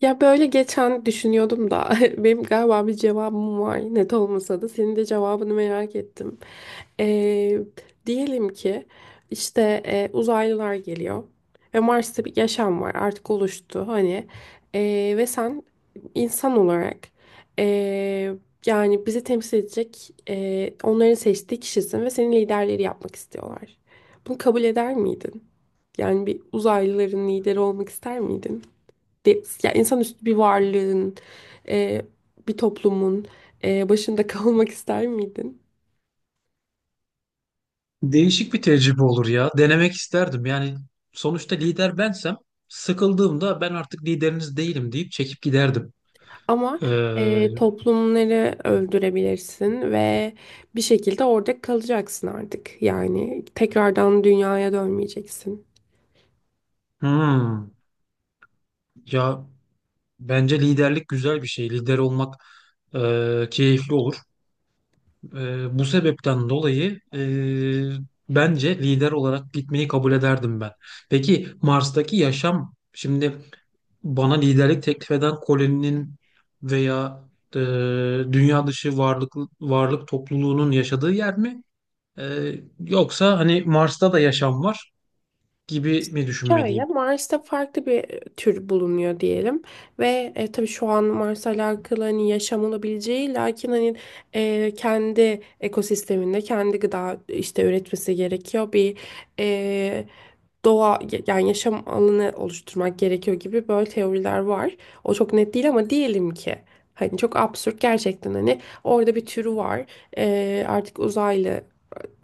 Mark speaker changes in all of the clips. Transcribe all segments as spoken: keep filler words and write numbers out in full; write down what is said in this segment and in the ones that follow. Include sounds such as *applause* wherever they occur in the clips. Speaker 1: Ya böyle geçen düşünüyordum da *laughs* benim galiba bir cevabım var, net olmasa da senin de cevabını merak ettim. Ee, Diyelim ki işte e, uzaylılar geliyor ve Mars'ta bir yaşam var, artık oluştu hani. Ee, ve sen insan olarak, e, yani bizi temsil edecek, e, onların seçtiği kişisin ve senin liderleri yapmak istiyorlar. Bunu kabul eder miydin? Yani bir uzaylıların lideri olmak ister miydin? De, ya insanüstü bir varlığın, e, bir toplumun e, başında *laughs* kalmak ister miydin?
Speaker 2: Değişik bir tecrübe olur ya. Denemek isterdim. Yani sonuçta lider bensem sıkıldığımda ben artık lideriniz değilim deyip çekip giderdim.
Speaker 1: Ama
Speaker 2: Ee,
Speaker 1: e, toplumları öldürebilirsin ve bir şekilde orada kalacaksın artık. Yani tekrardan dünyaya dönmeyeceksin.
Speaker 2: hmm. ya Bence liderlik güzel bir şey. Lider olmak e, keyifli olur. E, bu sebepten dolayı e, bence lider olarak gitmeyi kabul ederdim ben. Peki Mars'taki yaşam şimdi bana liderlik teklif eden Colin'in veya e, dünya dışı varlık varlık topluluğunun yaşadığı yer mi? E, Yoksa hani Mars'ta da yaşam var gibi mi
Speaker 1: Şöyle,
Speaker 2: düşünmeliyim?
Speaker 1: Mars'ta farklı bir e, tür bulunuyor diyelim ve e, tabii şu an Mars'la alakalı hani yaşam olabileceği, lakin hani e, kendi ekosisteminde kendi gıda işte üretmesi gerekiyor, bir e, doğa, yani yaşam alanı oluşturmak gerekiyor gibi böyle teoriler var. O çok net değil ama diyelim ki hani çok absürt, gerçekten hani orada bir türü var. Ee, artık uzaylı,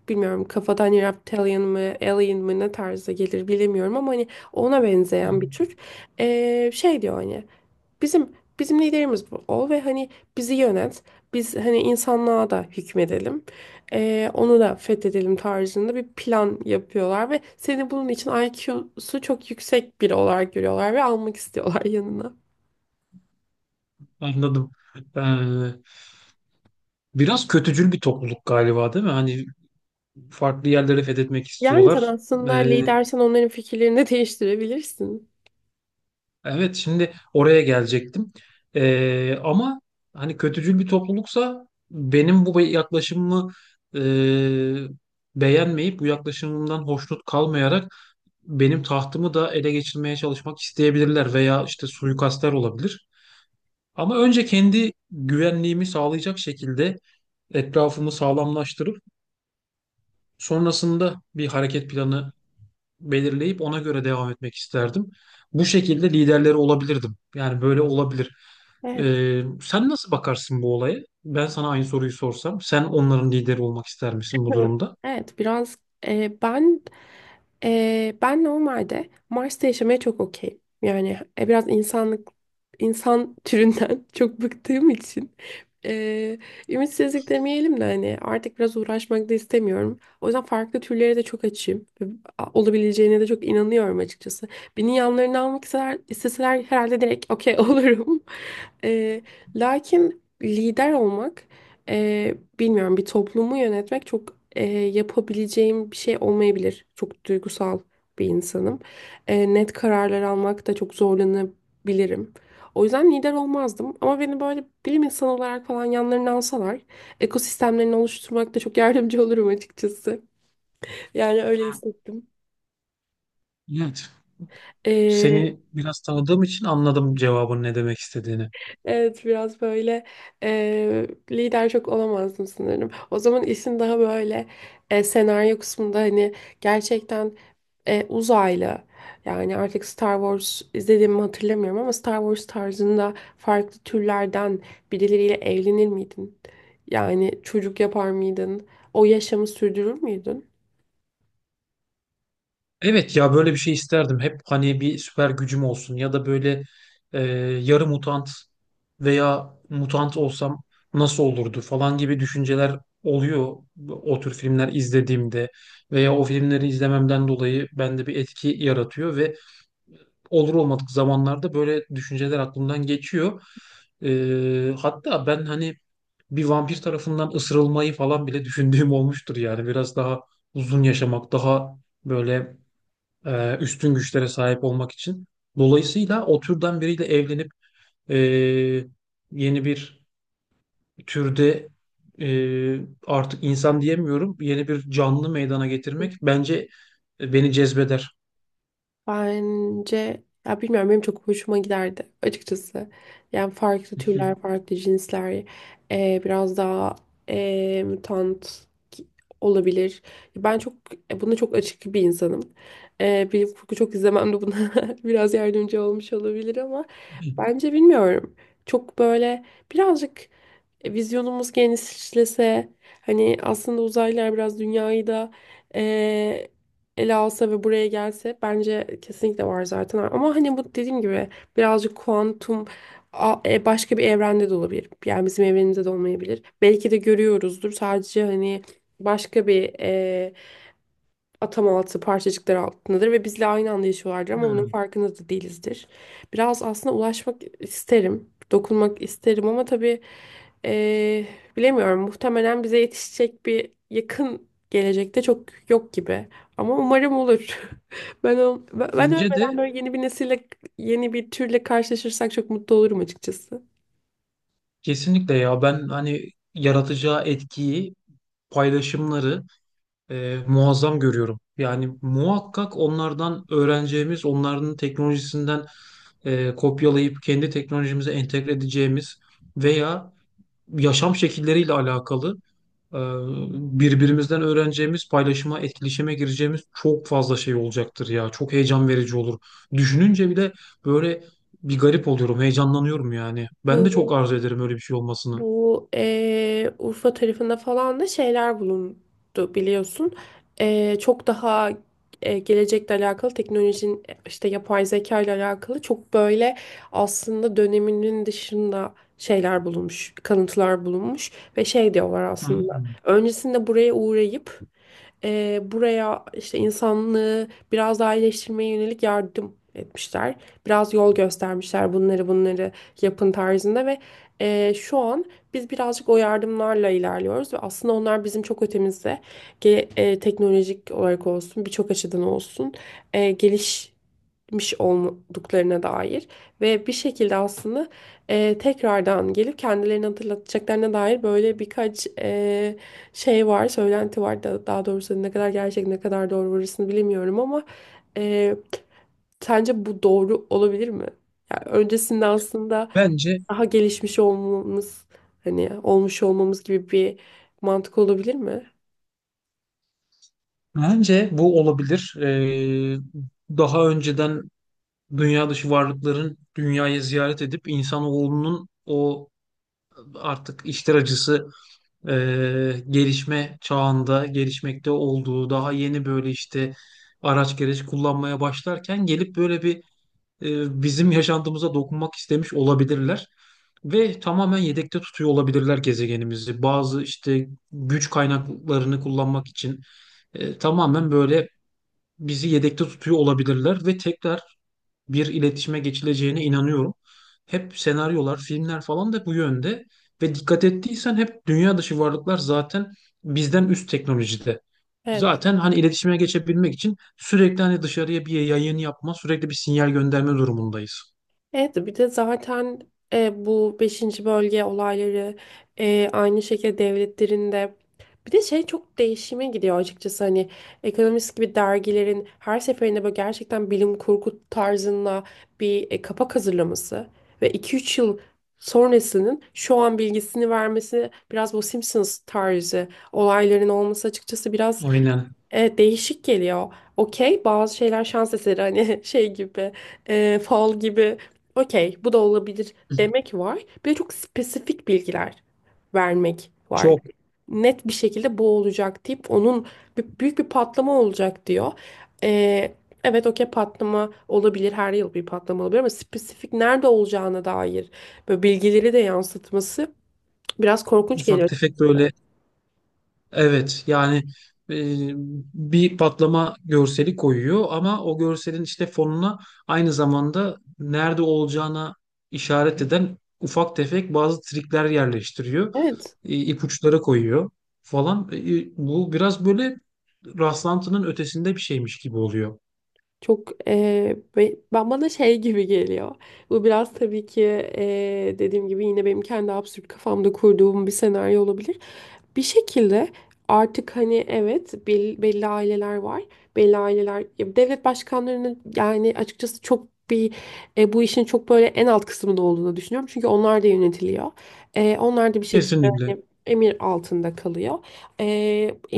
Speaker 1: bilmiyorum kafadan hani reptilian mı alien mı ne tarzda gelir bilemiyorum ama hani ona
Speaker 2: Hı,
Speaker 1: benzeyen bir tür. Ee, şey diyor hani bizim bizim liderimiz bu ol ve hani bizi yönet, biz hani insanlığa da hükmedelim, Ee, onu da fethedelim tarzında bir plan yapıyorlar ve seni bunun için I Q'su çok yüksek biri olarak görüyorlar ve almak istiyorlar *laughs* yanına.
Speaker 2: anladım. E, Biraz kötücül bir topluluk galiba değil mi? Hani farklı yerleri fethetmek
Speaker 1: Yani sen
Speaker 2: istiyorlar.
Speaker 1: aslında
Speaker 2: E,
Speaker 1: lidersen onların fikirlerini de değiştirebilirsin.
Speaker 2: Evet, şimdi oraya gelecektim. Ee, ama hani kötücül bir topluluksa benim bu yaklaşımımı e, beğenmeyip bu yaklaşımımdan hoşnut kalmayarak benim tahtımı da ele geçirmeye çalışmak isteyebilirler veya işte suikastler olabilir. Ama önce kendi güvenliğimi sağlayacak şekilde etrafımı sağlamlaştırıp sonrasında bir hareket planı belirleyip ona göre devam etmek isterdim. Bu şekilde liderleri olabilirdim. Yani böyle olabilir.
Speaker 1: Evet.
Speaker 2: Ee, sen nasıl bakarsın bu olaya? Ben sana aynı soruyu sorsam, sen onların lideri olmak ister misin bu
Speaker 1: *laughs*
Speaker 2: durumda?
Speaker 1: Evet, biraz e, ben, e, ben normalde Mars'ta yaşamaya çok okeyim. Yani e, biraz insanlık, insan türünden *laughs* çok bıktığım için e, ümitsizlik demeyelim de hani artık biraz uğraşmak da istemiyorum. O yüzden farklı türlere de çok açığım. Ve a- olabileceğine de çok inanıyorum açıkçası. Beni yanlarına almak isteseler, isteseler herhalde direkt okey *laughs* olurum. E, Lakin lider olmak, e, bilmiyorum, bir toplumu yönetmek çok, e, yapabileceğim bir şey olmayabilir. Çok duygusal bir insanım. E, net kararlar almakta çok zorlanabilirim. O yüzden lider olmazdım ama beni böyle bilim insanı olarak falan yanlarına alsalar ekosistemlerini oluşturmakta çok yardımcı *laughs* olurum açıkçası. Yani öyle hissettim.
Speaker 2: Evet. Seni biraz tanıdığım için anladım cevabın ne demek istediğini.
Speaker 1: Evet, biraz böyle eee, lider çok olamazdım sanırım. O zaman işin daha böyle e, senaryo kısmında hani gerçekten e, uzaylı, yani artık Star Wars izlediğimi hatırlamıyorum ama Star Wars tarzında farklı türlerden birileriyle evlenir miydin? Yani çocuk yapar mıydın? O yaşamı sürdürür müydün?
Speaker 2: Evet ya, böyle bir şey isterdim. Hep hani bir süper gücüm olsun ya da böyle e, yarı mutant veya mutant olsam nasıl olurdu falan gibi düşünceler oluyor o tür filmler izlediğimde veya o filmleri izlememden dolayı bende bir etki yaratıyor ve olur olmadık zamanlarda böyle düşünceler aklımdan geçiyor. E, hatta ben hani bir vampir tarafından ısırılmayı falan bile *laughs* düşündüğüm olmuştur yani biraz daha uzun yaşamak, daha böyle e, üstün güçlere sahip olmak için. Dolayısıyla o türden biriyle evlenip e, yeni bir türde, e, artık insan diyemiyorum, yeni bir canlı meydana getirmek bence beni cezbeder.
Speaker 1: Bence, ya bilmiyorum, benim çok hoşuma giderdi açıkçası. Yani farklı türler,
Speaker 2: *laughs*
Speaker 1: farklı cinsler, e, biraz daha e, mutant ki- olabilir. Ben çok e, buna çok açık bir insanım. E, bilim kurgu çok izlemem de buna *laughs* biraz yardımcı olmuş olabilir ama bence bilmiyorum. Çok böyle birazcık e, vizyonumuz genişlese, hani aslında uzaylılar biraz dünyayı da e, ele alsa ve buraya gelse, bence kesinlikle var zaten. Ama hani bu dediğim gibi birazcık kuantum, a- e, başka bir evrende de olabilir. Yani bizim evrenimizde de olmayabilir. Belki de görüyoruzdur. Sadece hani başka bir e, atam altı parçacıklar altındadır ve bizle aynı anda yaşıyorlardır ama bunun
Speaker 2: Hmm.
Speaker 1: farkında da değilizdir. Biraz aslında ulaşmak isterim, dokunmak isterim ama tabii eee, bilemiyorum. Muhtemelen bize yetişecek bir yakın gelecekte çok yok gibi. Ama umarım olur. *laughs* Ben o- ben ben
Speaker 2: Bence
Speaker 1: ölmeden
Speaker 2: de,
Speaker 1: böyle yeni bir nesille, yeni bir türle karşılaşırsak çok mutlu olurum açıkçası.
Speaker 2: kesinlikle ya, ben hani yaratacağı etkiyi, paylaşımları e, muazzam görüyorum. Yani muhakkak onlardan öğreneceğimiz, onların teknolojisinden e, kopyalayıp kendi teknolojimize entegre edeceğimiz veya yaşam şekilleriyle alakalı e, birbirimizden öğreneceğimiz, paylaşıma, etkileşime gireceğimiz çok fazla şey olacaktır ya. Çok heyecan verici olur. Düşününce bile böyle bir garip oluyorum, heyecanlanıyorum yani. Ben de çok
Speaker 1: Bu
Speaker 2: arzu ederim öyle bir şey olmasını.
Speaker 1: Bu eee, Urfa tarafında falan da şeyler bulundu biliyorsun. Eee, çok daha eee, gelecekle alakalı teknolojinin, e, işte yapay zeka ile alakalı, çok böyle aslında döneminin dışında şeyler bulunmuş, kalıntılar bulunmuş ve şey diyorlar
Speaker 2: Hı
Speaker 1: aslında.
Speaker 2: hı.
Speaker 1: Öncesinde buraya uğrayıp eee, buraya işte insanlığı biraz daha iyileştirmeye yönelik yardım etmişler. Biraz yol göstermişler, bunları bunları yapın tarzında ve eee, şu an biz birazcık o yardımlarla ilerliyoruz ve aslında onlar bizim çok ötemizde, ge- e, teknolojik olarak olsun, birçok açıdan olsun e, gelişmiş olduklarına dair ve bir şekilde aslında e, tekrardan gelip kendilerini hatırlatacaklarına dair böyle birkaç e, şey var, söylenti var da, daha doğrusu ne kadar gerçek ne kadar doğru orasını bilemiyorum ama e, sence bu doğru olabilir mi? Yani öncesinde aslında
Speaker 2: Bence
Speaker 1: daha gelişmiş olmamız, hani olmuş olmamız gibi bir mantık olabilir mi?
Speaker 2: bence bu olabilir. Ee, daha önceden dünya dışı varlıkların dünyayı ziyaret edip insanoğlunun o artık işler acısı e, gelişme çağında gelişmekte olduğu, daha yeni böyle işte araç gereç kullanmaya başlarken gelip böyle bir e, bizim yaşantımıza dokunmak istemiş olabilirler. Ve tamamen yedekte tutuyor olabilirler gezegenimizi. Bazı işte güç kaynaklarını kullanmak için e, tamamen böyle bizi yedekte tutuyor olabilirler ve tekrar bir iletişime geçileceğine inanıyorum. Hep senaryolar, filmler falan da bu yönde ve dikkat ettiysen hep dünya dışı varlıklar zaten bizden üst teknolojide.
Speaker 1: Evet.
Speaker 2: Zaten hani iletişime geçebilmek için sürekli hani dışarıya bir yayın yapma, sürekli bir sinyal gönderme durumundayız.
Speaker 1: Evet, bir de zaten e, bu beşinci bölge olayları, e, aynı şekilde devletlerinde bir de şey çok değişime gidiyor açıkçası hani ekonomist gibi dergilerin her seferinde böyle gerçekten bilim kurgu tarzında bir e, kapak hazırlaması ve iki üç yıl sonrasının şu an bilgisini vermesi, biraz bu Simpsons tarzı olayların olması, açıkçası biraz.
Speaker 2: Aynen.
Speaker 1: Evet, değişik geliyor. Okey, bazı şeyler şans eseri hani *laughs* şey gibi, e, fal gibi. Okey, bu da olabilir demek var. Bir de çok spesifik bilgiler vermek var.
Speaker 2: Çok
Speaker 1: Net bir şekilde bu olacak deyip onun bir, büyük bir patlama olacak diyor. E, evet, okey, patlama olabilir, her yıl bir patlama olabilir ama spesifik nerede olacağına dair böyle bilgileri de yansıtması biraz korkunç
Speaker 2: ufak
Speaker 1: geliyor.
Speaker 2: tefek böyle evet yani e, bir patlama görseli koyuyor ama o görselin işte fonuna aynı zamanda nerede olacağına işaret eden ufak tefek bazı trikler yerleştiriyor.
Speaker 1: Evet.
Speaker 2: E, ipuçları koyuyor falan. E, e, bu biraz böyle rastlantının ötesinde bir şeymiş gibi oluyor.
Speaker 1: Çok eee, be- ben bana şey gibi geliyor. Bu biraz tabii ki eee, dediğim gibi yine benim kendi absürt kafamda kurduğum bir senaryo olabilir. Bir şekilde artık hani, evet, bel- belli aileler var. Belli aileler ya devlet başkanlarının, yani açıkçası çok bir e, bu işin çok böyle en alt kısmında olduğunu düşünüyorum. Çünkü onlar da yönetiliyor. E, onlar da bir şekilde
Speaker 2: Kesinlikle.
Speaker 1: hani emir altında kalıyor. E,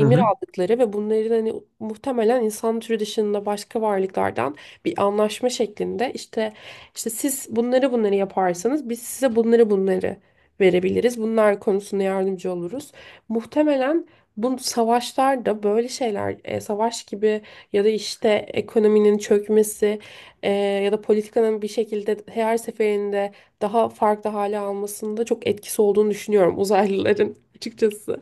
Speaker 2: Hı hı.
Speaker 1: aldıkları ve bunların hani muhtemelen insan türü dışında başka varlıklardan bir anlaşma şeklinde, işte işte siz bunları bunları yaparsanız biz size bunları bunları verebiliriz, bunlar konusunda yardımcı oluruz. Muhtemelen bu savaşlarda böyle şeyler, e, savaş gibi ya da işte ekonominin çökmesi, e, ya da politikanın bir şekilde her seferinde daha farklı hale almasında çok etkisi olduğunu düşünüyorum uzaylıların *laughs* açıkçası.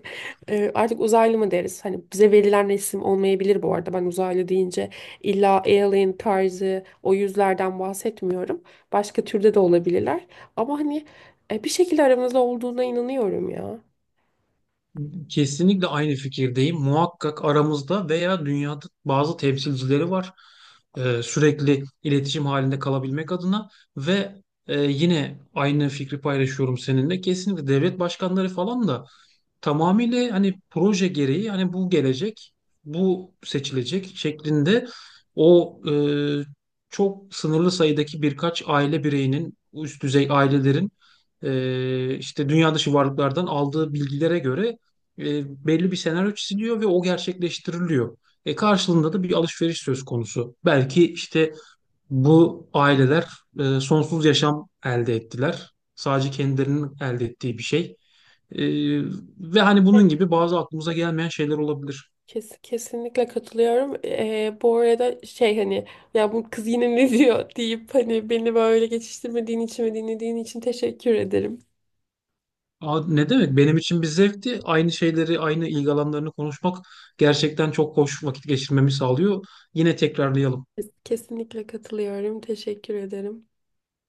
Speaker 1: E, artık uzaylı mı deriz? Hani bize verilen isim olmayabilir bu arada. Ben uzaylı deyince illa alien tarzı o yüzlerden bahsetmiyorum. Başka türde de olabilirler. Ama hani e, bir şekilde aramızda olduğuna inanıyorum ya.
Speaker 2: Kesinlikle aynı fikirdeyim. Muhakkak aramızda veya dünyada bazı temsilcileri var. Ee, sürekli iletişim halinde kalabilmek adına ve e, yine aynı fikri paylaşıyorum seninle. Kesinlikle devlet başkanları falan da tamamıyla hani proje gereği hani bu gelecek, bu seçilecek şeklinde o e, çok sınırlı sayıdaki birkaç aile bireyinin, üst düzey ailelerin e, işte dünya dışı varlıklardan aldığı bilgilere göre e, belli bir senaryo çiziliyor ve o gerçekleştiriliyor. E karşılığında da bir alışveriş söz konusu. Belki işte bu aileler e, sonsuz yaşam elde ettiler. Sadece kendilerinin elde ettiği bir şey. Ee, Ve hani bunun gibi bazı aklımıza gelmeyen şeyler olabilir.
Speaker 1: Kes, kesinlikle katılıyorum. Ee, bu arada şey hani ya bu kız yine ne diyor *laughs* deyip hani beni böyle geçiştirmediğin için ve dinlediğin için teşekkür ederim.
Speaker 2: Aa, ne demek? Benim için bir zevkti. Aynı şeyleri, aynı ilgi alanlarını konuşmak gerçekten çok hoş vakit geçirmemi sağlıyor. Yine tekrarlayalım.
Speaker 1: Kes- Kesinlikle katılıyorum. Teşekkür ederim.